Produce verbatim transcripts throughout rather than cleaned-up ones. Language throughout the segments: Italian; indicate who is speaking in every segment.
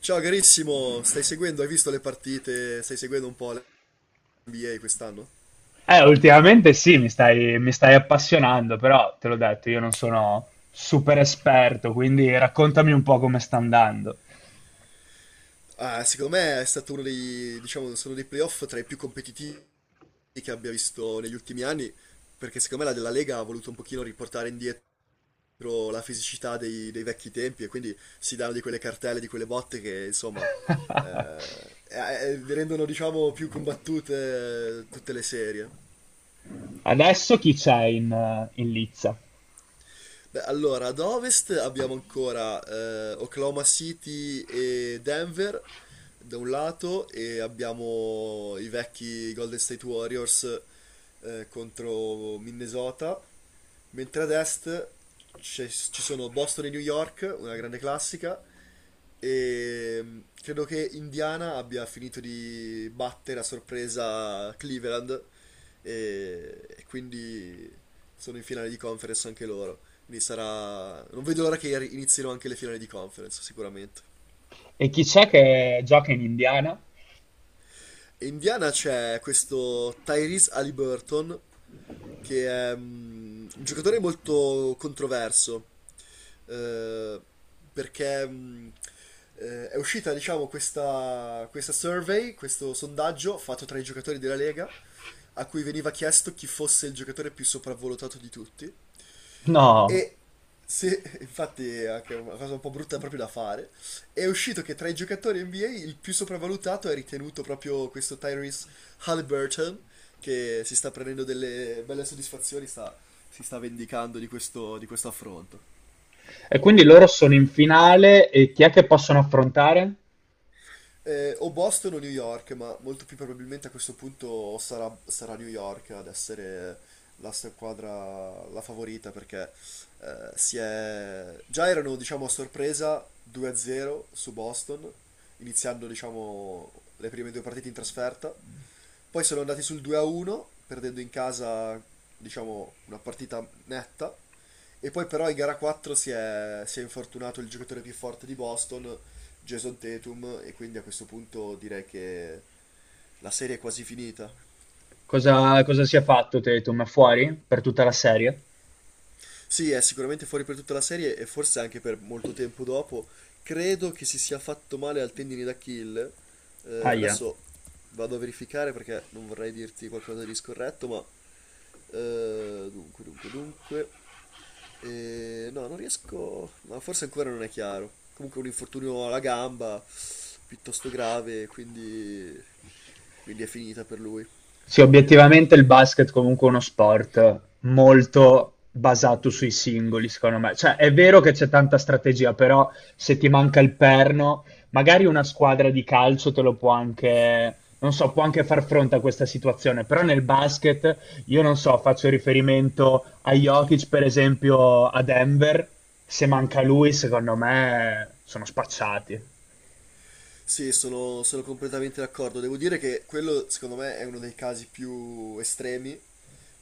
Speaker 1: Ciao carissimo, stai seguendo, hai visto le partite, stai seguendo un po' l'N B A quest'anno?
Speaker 2: Eh, ultimamente sì, mi stai, mi stai appassionando, però te l'ho detto, io non sono super esperto, quindi raccontami un po' come sta andando.
Speaker 1: Ah, secondo me è stato uno dei, diciamo, sono dei playoff tra i più competitivi che abbia visto negli ultimi anni, perché secondo me la, la Lega ha voluto un pochino riportare indietro la fisicità dei, dei vecchi tempi e quindi si danno di quelle cartelle, di quelle botte che insomma eh, eh, rendono diciamo più combattute eh, tutte le serie.
Speaker 2: Adesso chi c'è in, eh, in Lizza?
Speaker 1: Beh, allora, ad ovest abbiamo ancora eh, Oklahoma City e Denver, da un lato e abbiamo i vecchi Golden State Warriors eh, contro Minnesota, mentre ad est c'è- ci sono Boston e New York, una grande classica, e mm, credo che Indiana abbia finito di battere a sorpresa Cleveland e, e quindi sono in finale di conference anche loro. Quindi sarà... Non vedo l'ora che inizino anche le finali di conference, sicuramente.
Speaker 2: E chi c'è che gioca in Indiana?
Speaker 1: Indiana c'è questo Tyrese Halliburton, che è mm, un giocatore molto controverso, eh, perché mm, eh, è uscita, diciamo, questa, questa survey, questo sondaggio fatto tra i giocatori della Lega, a cui veniva chiesto chi fosse il giocatore più sopravvalutato di tutti.
Speaker 2: No.
Speaker 1: E se, Infatti è anche una cosa un po' brutta proprio da fare, è uscito che tra i giocatori N B A il più sopravvalutato è ritenuto proprio questo Tyrese Halliburton, che si sta prendendo delle belle soddisfazioni, sta- si sta vendicando di questo, di questo affronto.
Speaker 2: E quindi loro sono in finale e chi è che possono affrontare?
Speaker 1: Eh, o Boston o New York, ma molto più probabilmente a questo punto sarà, sarà New York ad essere la squadra la favorita perché eh, si è... già erano diciamo a sorpresa due a zero su Boston, iniziando diciamo le prime due partite in trasferta. Poi sono andati sul due a uno, perdendo in casa, diciamo, una partita netta. E poi però in gara quattro si è, si è infortunato il giocatore più forte di Boston, Jason Tatum, e quindi a questo punto direi che la serie è quasi finita.
Speaker 2: Cosa, cosa si è fatto, Tatum? È fuori per tutta la serie?
Speaker 1: Sì, è sicuramente fuori per tutta la serie e forse anche per molto tempo dopo. Credo che si sia fatto male al tendine d'Achille. Eh,
Speaker 2: Ahia.
Speaker 1: adesso vado a verificare perché non vorrei dirti qualcosa di scorretto, ma Eh, dunque, dunque, dunque. Eh, no, non riesco. Ma forse ancora non è chiaro. Comunque un infortunio alla gamba piuttosto grave, quindi, quindi è finita per lui.
Speaker 2: Sì, obiettivamente il basket comunque è uno sport molto basato sui singoli, secondo me. Cioè, è vero che c'è tanta strategia, però se ti manca il perno, magari una squadra di calcio te lo può anche, non so, può anche far fronte a questa situazione, però nel basket, io non so, faccio riferimento a Jokic, per esempio, a Denver, se manca lui, secondo me sono spacciati.
Speaker 1: Sì, sono, sono completamente d'accordo. Devo dire che quello, secondo me, è uno dei casi più estremi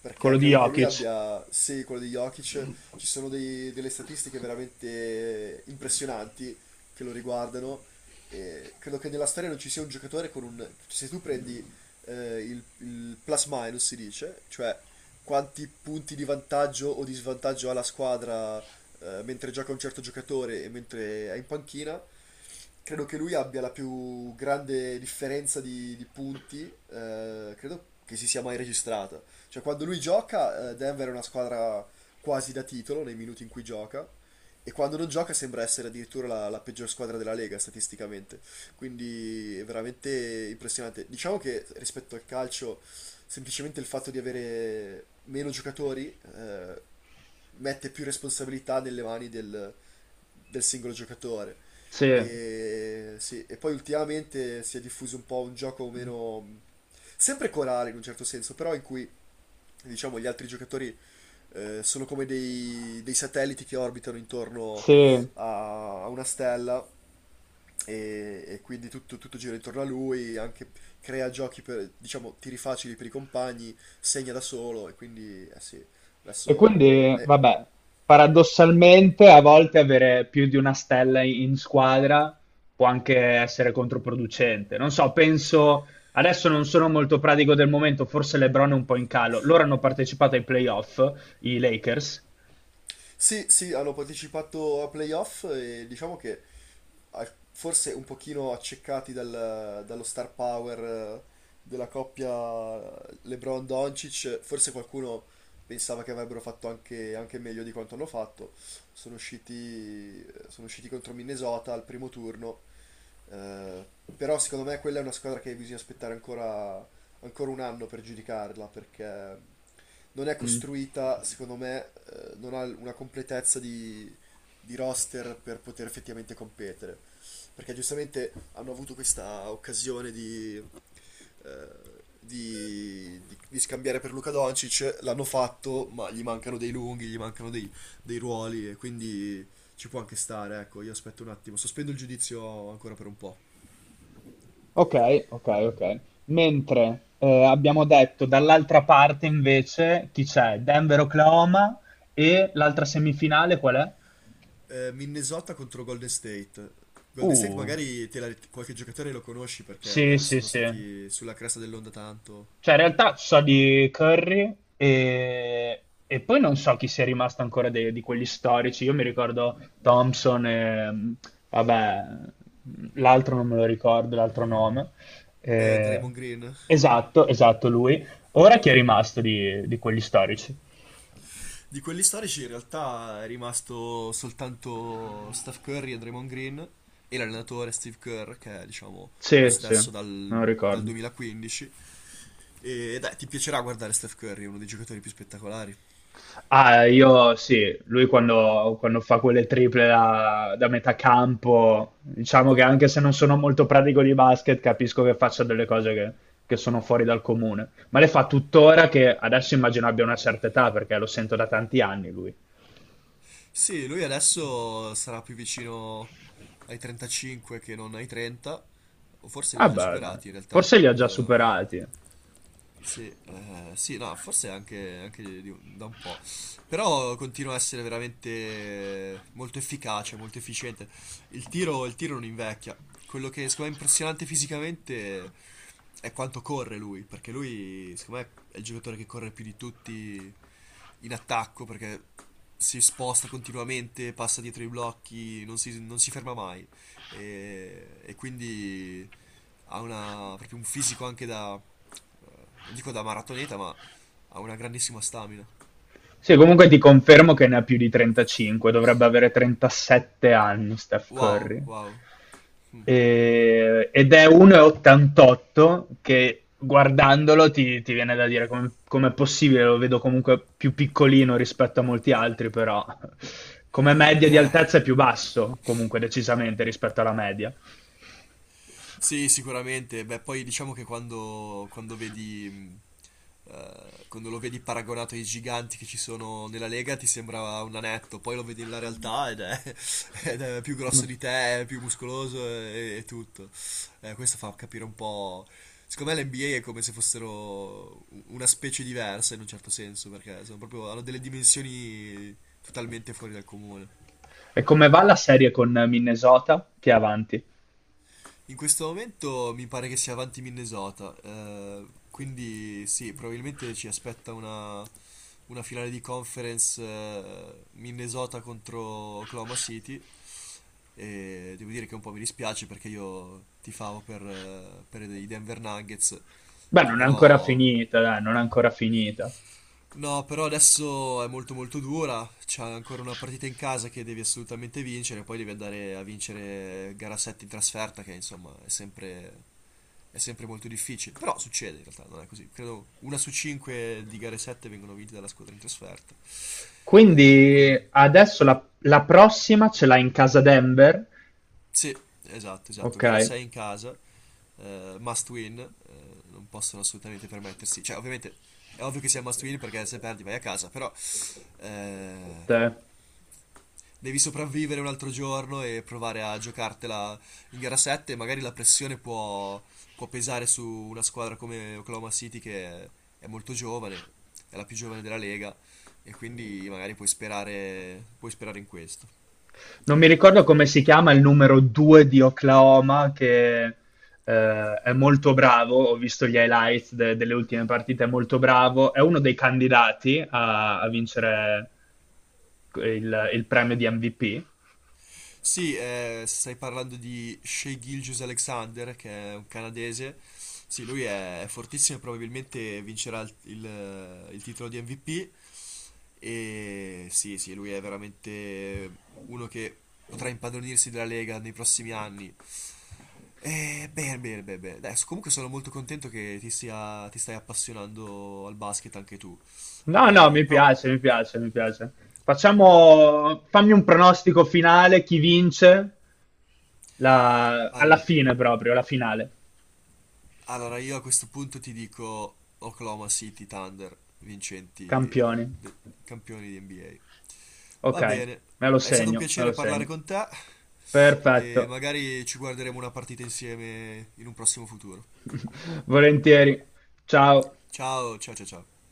Speaker 1: perché
Speaker 2: Quello di
Speaker 1: credo che lui
Speaker 2: Jokic.
Speaker 1: abbia, sì, quello di Jokic, ci sono dei- delle statistiche veramente impressionanti che lo riguardano e credo che nella storia non ci sia un giocatore con un... se tu prendi eh, il, il plus minus si dice, cioè quanti punti di vantaggio o di svantaggio ha la squadra eh, mentre gioca un certo giocatore e mentre è in panchina. Credo che lui abbia la più grande differenza di, di punti, eh, credo che si sia mai registrata. Cioè, quando lui gioca, eh, Denver è una squadra quasi da titolo nei minuti in cui gioca. E quando non gioca sembra essere addirittura la, la peggior squadra della Lega statisticamente. Quindi è veramente impressionante. Diciamo che rispetto al calcio, semplicemente il fatto di avere meno giocatori eh, mette più responsabilità nelle mani del, del singolo giocatore.
Speaker 2: Sì,
Speaker 1: E, sì, e poi ultimamente si è diffuso un po' un gioco meno sempre corale in un certo senso, però in cui diciamo, gli altri giocatori eh, sono come dei, dei satelliti che orbitano intorno
Speaker 2: sì.
Speaker 1: a, a una stella e, e quindi tutto, tutto gira intorno a lui, anche crea giochi per, diciamo, tiri facili per i compagni, segna da solo e quindi, eh sì,
Speaker 2: E
Speaker 1: adesso...
Speaker 2: quindi,
Speaker 1: eh,
Speaker 2: vabbè, paradossalmente a volte avere più di una stella in squadra può anche essere controproducente. Non so, penso, adesso non sono molto pratico del momento, forse LeBron è un po' in calo. Loro hanno partecipato ai playoff, i Lakers.
Speaker 1: Sì, sì, hanno partecipato a playoff e diciamo che al- forse un pochino accecati dal- dallo star power eh, della coppia LeBron-Doncic, forse qualcuno pensava che avrebbero fatto anche, anche meglio di quanto hanno fatto. Sono usciti, eh, sono usciti contro Minnesota al primo turno eh, però secondo me quella è una squadra che bisogna aspettare ancora, ancora un anno per giudicarla perché non è
Speaker 2: Mm.
Speaker 1: costruita, secondo me, eh, non ha una completezza di, di roster per poter effettivamente competere. Perché giustamente hanno avuto questa occasione di, eh, di, di- di scambiare per Luka Doncic, l'hanno fatto, ma gli mancano dei lunghi, gli mancano dei, dei ruoli e quindi ci può anche stare, ecco, io aspetto un attimo, sospendo il giudizio ancora per un po'.
Speaker 2: Ok, ok, ok. Mentre eh, abbiamo detto dall'altra parte invece chi c'è? Denver, Oklahoma e l'altra semifinale qual è?
Speaker 1: Eh, Minnesota contro Golden State. Golden State
Speaker 2: Uh,
Speaker 1: magari te la- qualche giocatore lo conosci
Speaker 2: sì,
Speaker 1: perché eh,
Speaker 2: sì,
Speaker 1: sono
Speaker 2: sì.
Speaker 1: stati sulla cresta dell'onda tanto.
Speaker 2: Cioè, in realtà so di Curry e, e poi non so chi sia rimasto ancora de- di quelli storici. Io mi ricordo Thompson e, mm, vabbè, l'altro non me lo ricordo, l'altro nome.
Speaker 1: Eh,
Speaker 2: Eh,
Speaker 1: Draymond Green.
Speaker 2: esatto, esatto, lui. Ora chi è rimasto di, di quelli storici?
Speaker 1: Di quelli storici in realtà è rimasto soltanto Steph Curry e Draymond Green e l'allenatore Steve Kerr che è diciamo lo
Speaker 2: Sì, sì,
Speaker 1: stesso
Speaker 2: me
Speaker 1: dal,
Speaker 2: lo
Speaker 1: dal
Speaker 2: ricordo.
Speaker 1: duemilaquindici. E dai, ti piacerà guardare Steph Curry, è uno dei giocatori più spettacolari.
Speaker 2: Ah, io sì, lui quando, quando fa quelle triple da, da metà campo, diciamo che anche se non sono molto pratico di basket, capisco che faccia delle cose che, che sono fuori dal comune. Ma le fa tuttora che adesso immagino abbia una certa età, perché lo sento da tanti anni lui.
Speaker 1: Sì, lui adesso sarà più vicino ai trentacinque che non ai trenta, o forse li
Speaker 2: Ah,
Speaker 1: ha già
Speaker 2: beh, dai,
Speaker 1: superati in realtà.
Speaker 2: forse li ha già
Speaker 1: Eh,
Speaker 2: superati.
Speaker 1: sì, eh, sì, no, forse anche, anche di un- da un po', però continua a essere veramente molto efficace, molto efficiente. Il tiro, il tiro non invecchia. Quello che secondo me è impressionante fisicamente è quanto corre lui, perché lui, secondo me, è il giocatore che corre più di tutti in attacco, perché si sposta continuamente, passa dietro i blocchi, non si, non si ferma mai. E, e quindi ha una- proprio un fisico anche da eh, non dico da maratoneta, ma ha una grandissima stamina.
Speaker 2: Sì, comunque ti confermo che ne ha più di trentacinque, dovrebbe avere trentasette anni Steph
Speaker 1: Wow,
Speaker 2: Curry.
Speaker 1: wow. Mm.
Speaker 2: E- ed è un metro e ottantotto che guardandolo ti, ti viene da dire come, com'è possibile, lo vedo comunque più piccolino rispetto a molti altri, però come media di
Speaker 1: Eh,
Speaker 2: altezza è più basso comunque decisamente rispetto alla media.
Speaker 1: Sì, sicuramente. Beh, poi diciamo che quando, quando vedi, mh, eh, quando lo vedi paragonato ai giganti che ci sono nella Lega, ti sembra un anetto. Poi lo vedi nella realtà ed è, ed è più grosso di te, è più muscoloso e, e tutto. Eh, questo fa capire un po'. Secondo me l'N B A è come se fossero u- una specie diversa in un certo senso, perché sono proprio, hanno delle dimensioni totalmente fuori dal comune.
Speaker 2: E come va la serie con Minnesota? Che è avanti?
Speaker 1: In questo momento mi pare che sia avanti Minnesota, eh, quindi sì, probabilmente ci aspetta una, una finale di conference eh, Minnesota contro Oklahoma City e devo dire che un po' mi dispiace perché io tifavo per, eh, per i Denver Nuggets,
Speaker 2: Beh,
Speaker 1: che
Speaker 2: non è ancora
Speaker 1: però...
Speaker 2: finita, dai, non è ancora finita.
Speaker 1: No, però adesso è molto molto dura, c'è ancora una partita in casa che devi assolutamente vincere, poi devi andare a vincere gara sette in trasferta, che insomma è sempre è sempre molto difficile. Però succede in realtà, non è così. Credo una su cinque di gare sette vengono vinte dalla squadra in trasferta. Eh, quindi,
Speaker 2: Quindi adesso la, la prossima ce l'ha in casa Denver.
Speaker 1: sì, esatto, esatto.
Speaker 2: Ok,
Speaker 1: Gara sei in casa, eh, must win, eh, non possono assolutamente permettersi. Cioè, ovviamente è ovvio che sia must win perché se perdi vai a casa, però, eh,
Speaker 2: te.
Speaker 1: devi sopravvivere un altro giorno e provare a giocartela in gara sette. Magari la pressione può, può pesare su una squadra come Oklahoma City che è, è molto giovane, è la più giovane della Lega e quindi magari puoi sperare, puoi sperare in questo.
Speaker 2: Non mi ricordo come si chiama il numero due di Oklahoma che eh, è molto bravo, ho visto gli highlights de- delle ultime partite, è molto bravo, è uno dei candidati a, a vincere il, il premio di M V P.
Speaker 1: Sì, eh, stai parlando di Shea Gilgeous-Alexander che è un canadese. Sì, lui è, è fortissimo e probabilmente vincerà il, il- il titolo di M V P. E sì, sì, lui è veramente uno che potrà impadronirsi della Lega nei prossimi anni. E bene, bene, bene, bene. Adesso, comunque sono molto contento che ti sia, ti stai appassionando al basket anche tu.
Speaker 2: No, no,
Speaker 1: Eh,
Speaker 2: mi
Speaker 1: però,
Speaker 2: piace, mi piace, mi piace. Facciamo, fammi un pronostico finale, chi vince la- alla
Speaker 1: al-
Speaker 2: fine proprio, la finale.
Speaker 1: allora io a questo punto ti dico Oklahoma City Thunder, vincenti,
Speaker 2: Campioni.
Speaker 1: de- campioni di N B A.
Speaker 2: Ok,
Speaker 1: Va bene,
Speaker 2: me lo
Speaker 1: è stato un
Speaker 2: segno, me
Speaker 1: piacere
Speaker 2: lo
Speaker 1: parlare
Speaker 2: segno.
Speaker 1: con te
Speaker 2: Perfetto.
Speaker 1: e magari ci guarderemo una partita insieme in un prossimo futuro.
Speaker 2: Volentieri. Ciao.
Speaker 1: Ciao, ciao, ciao, ciao.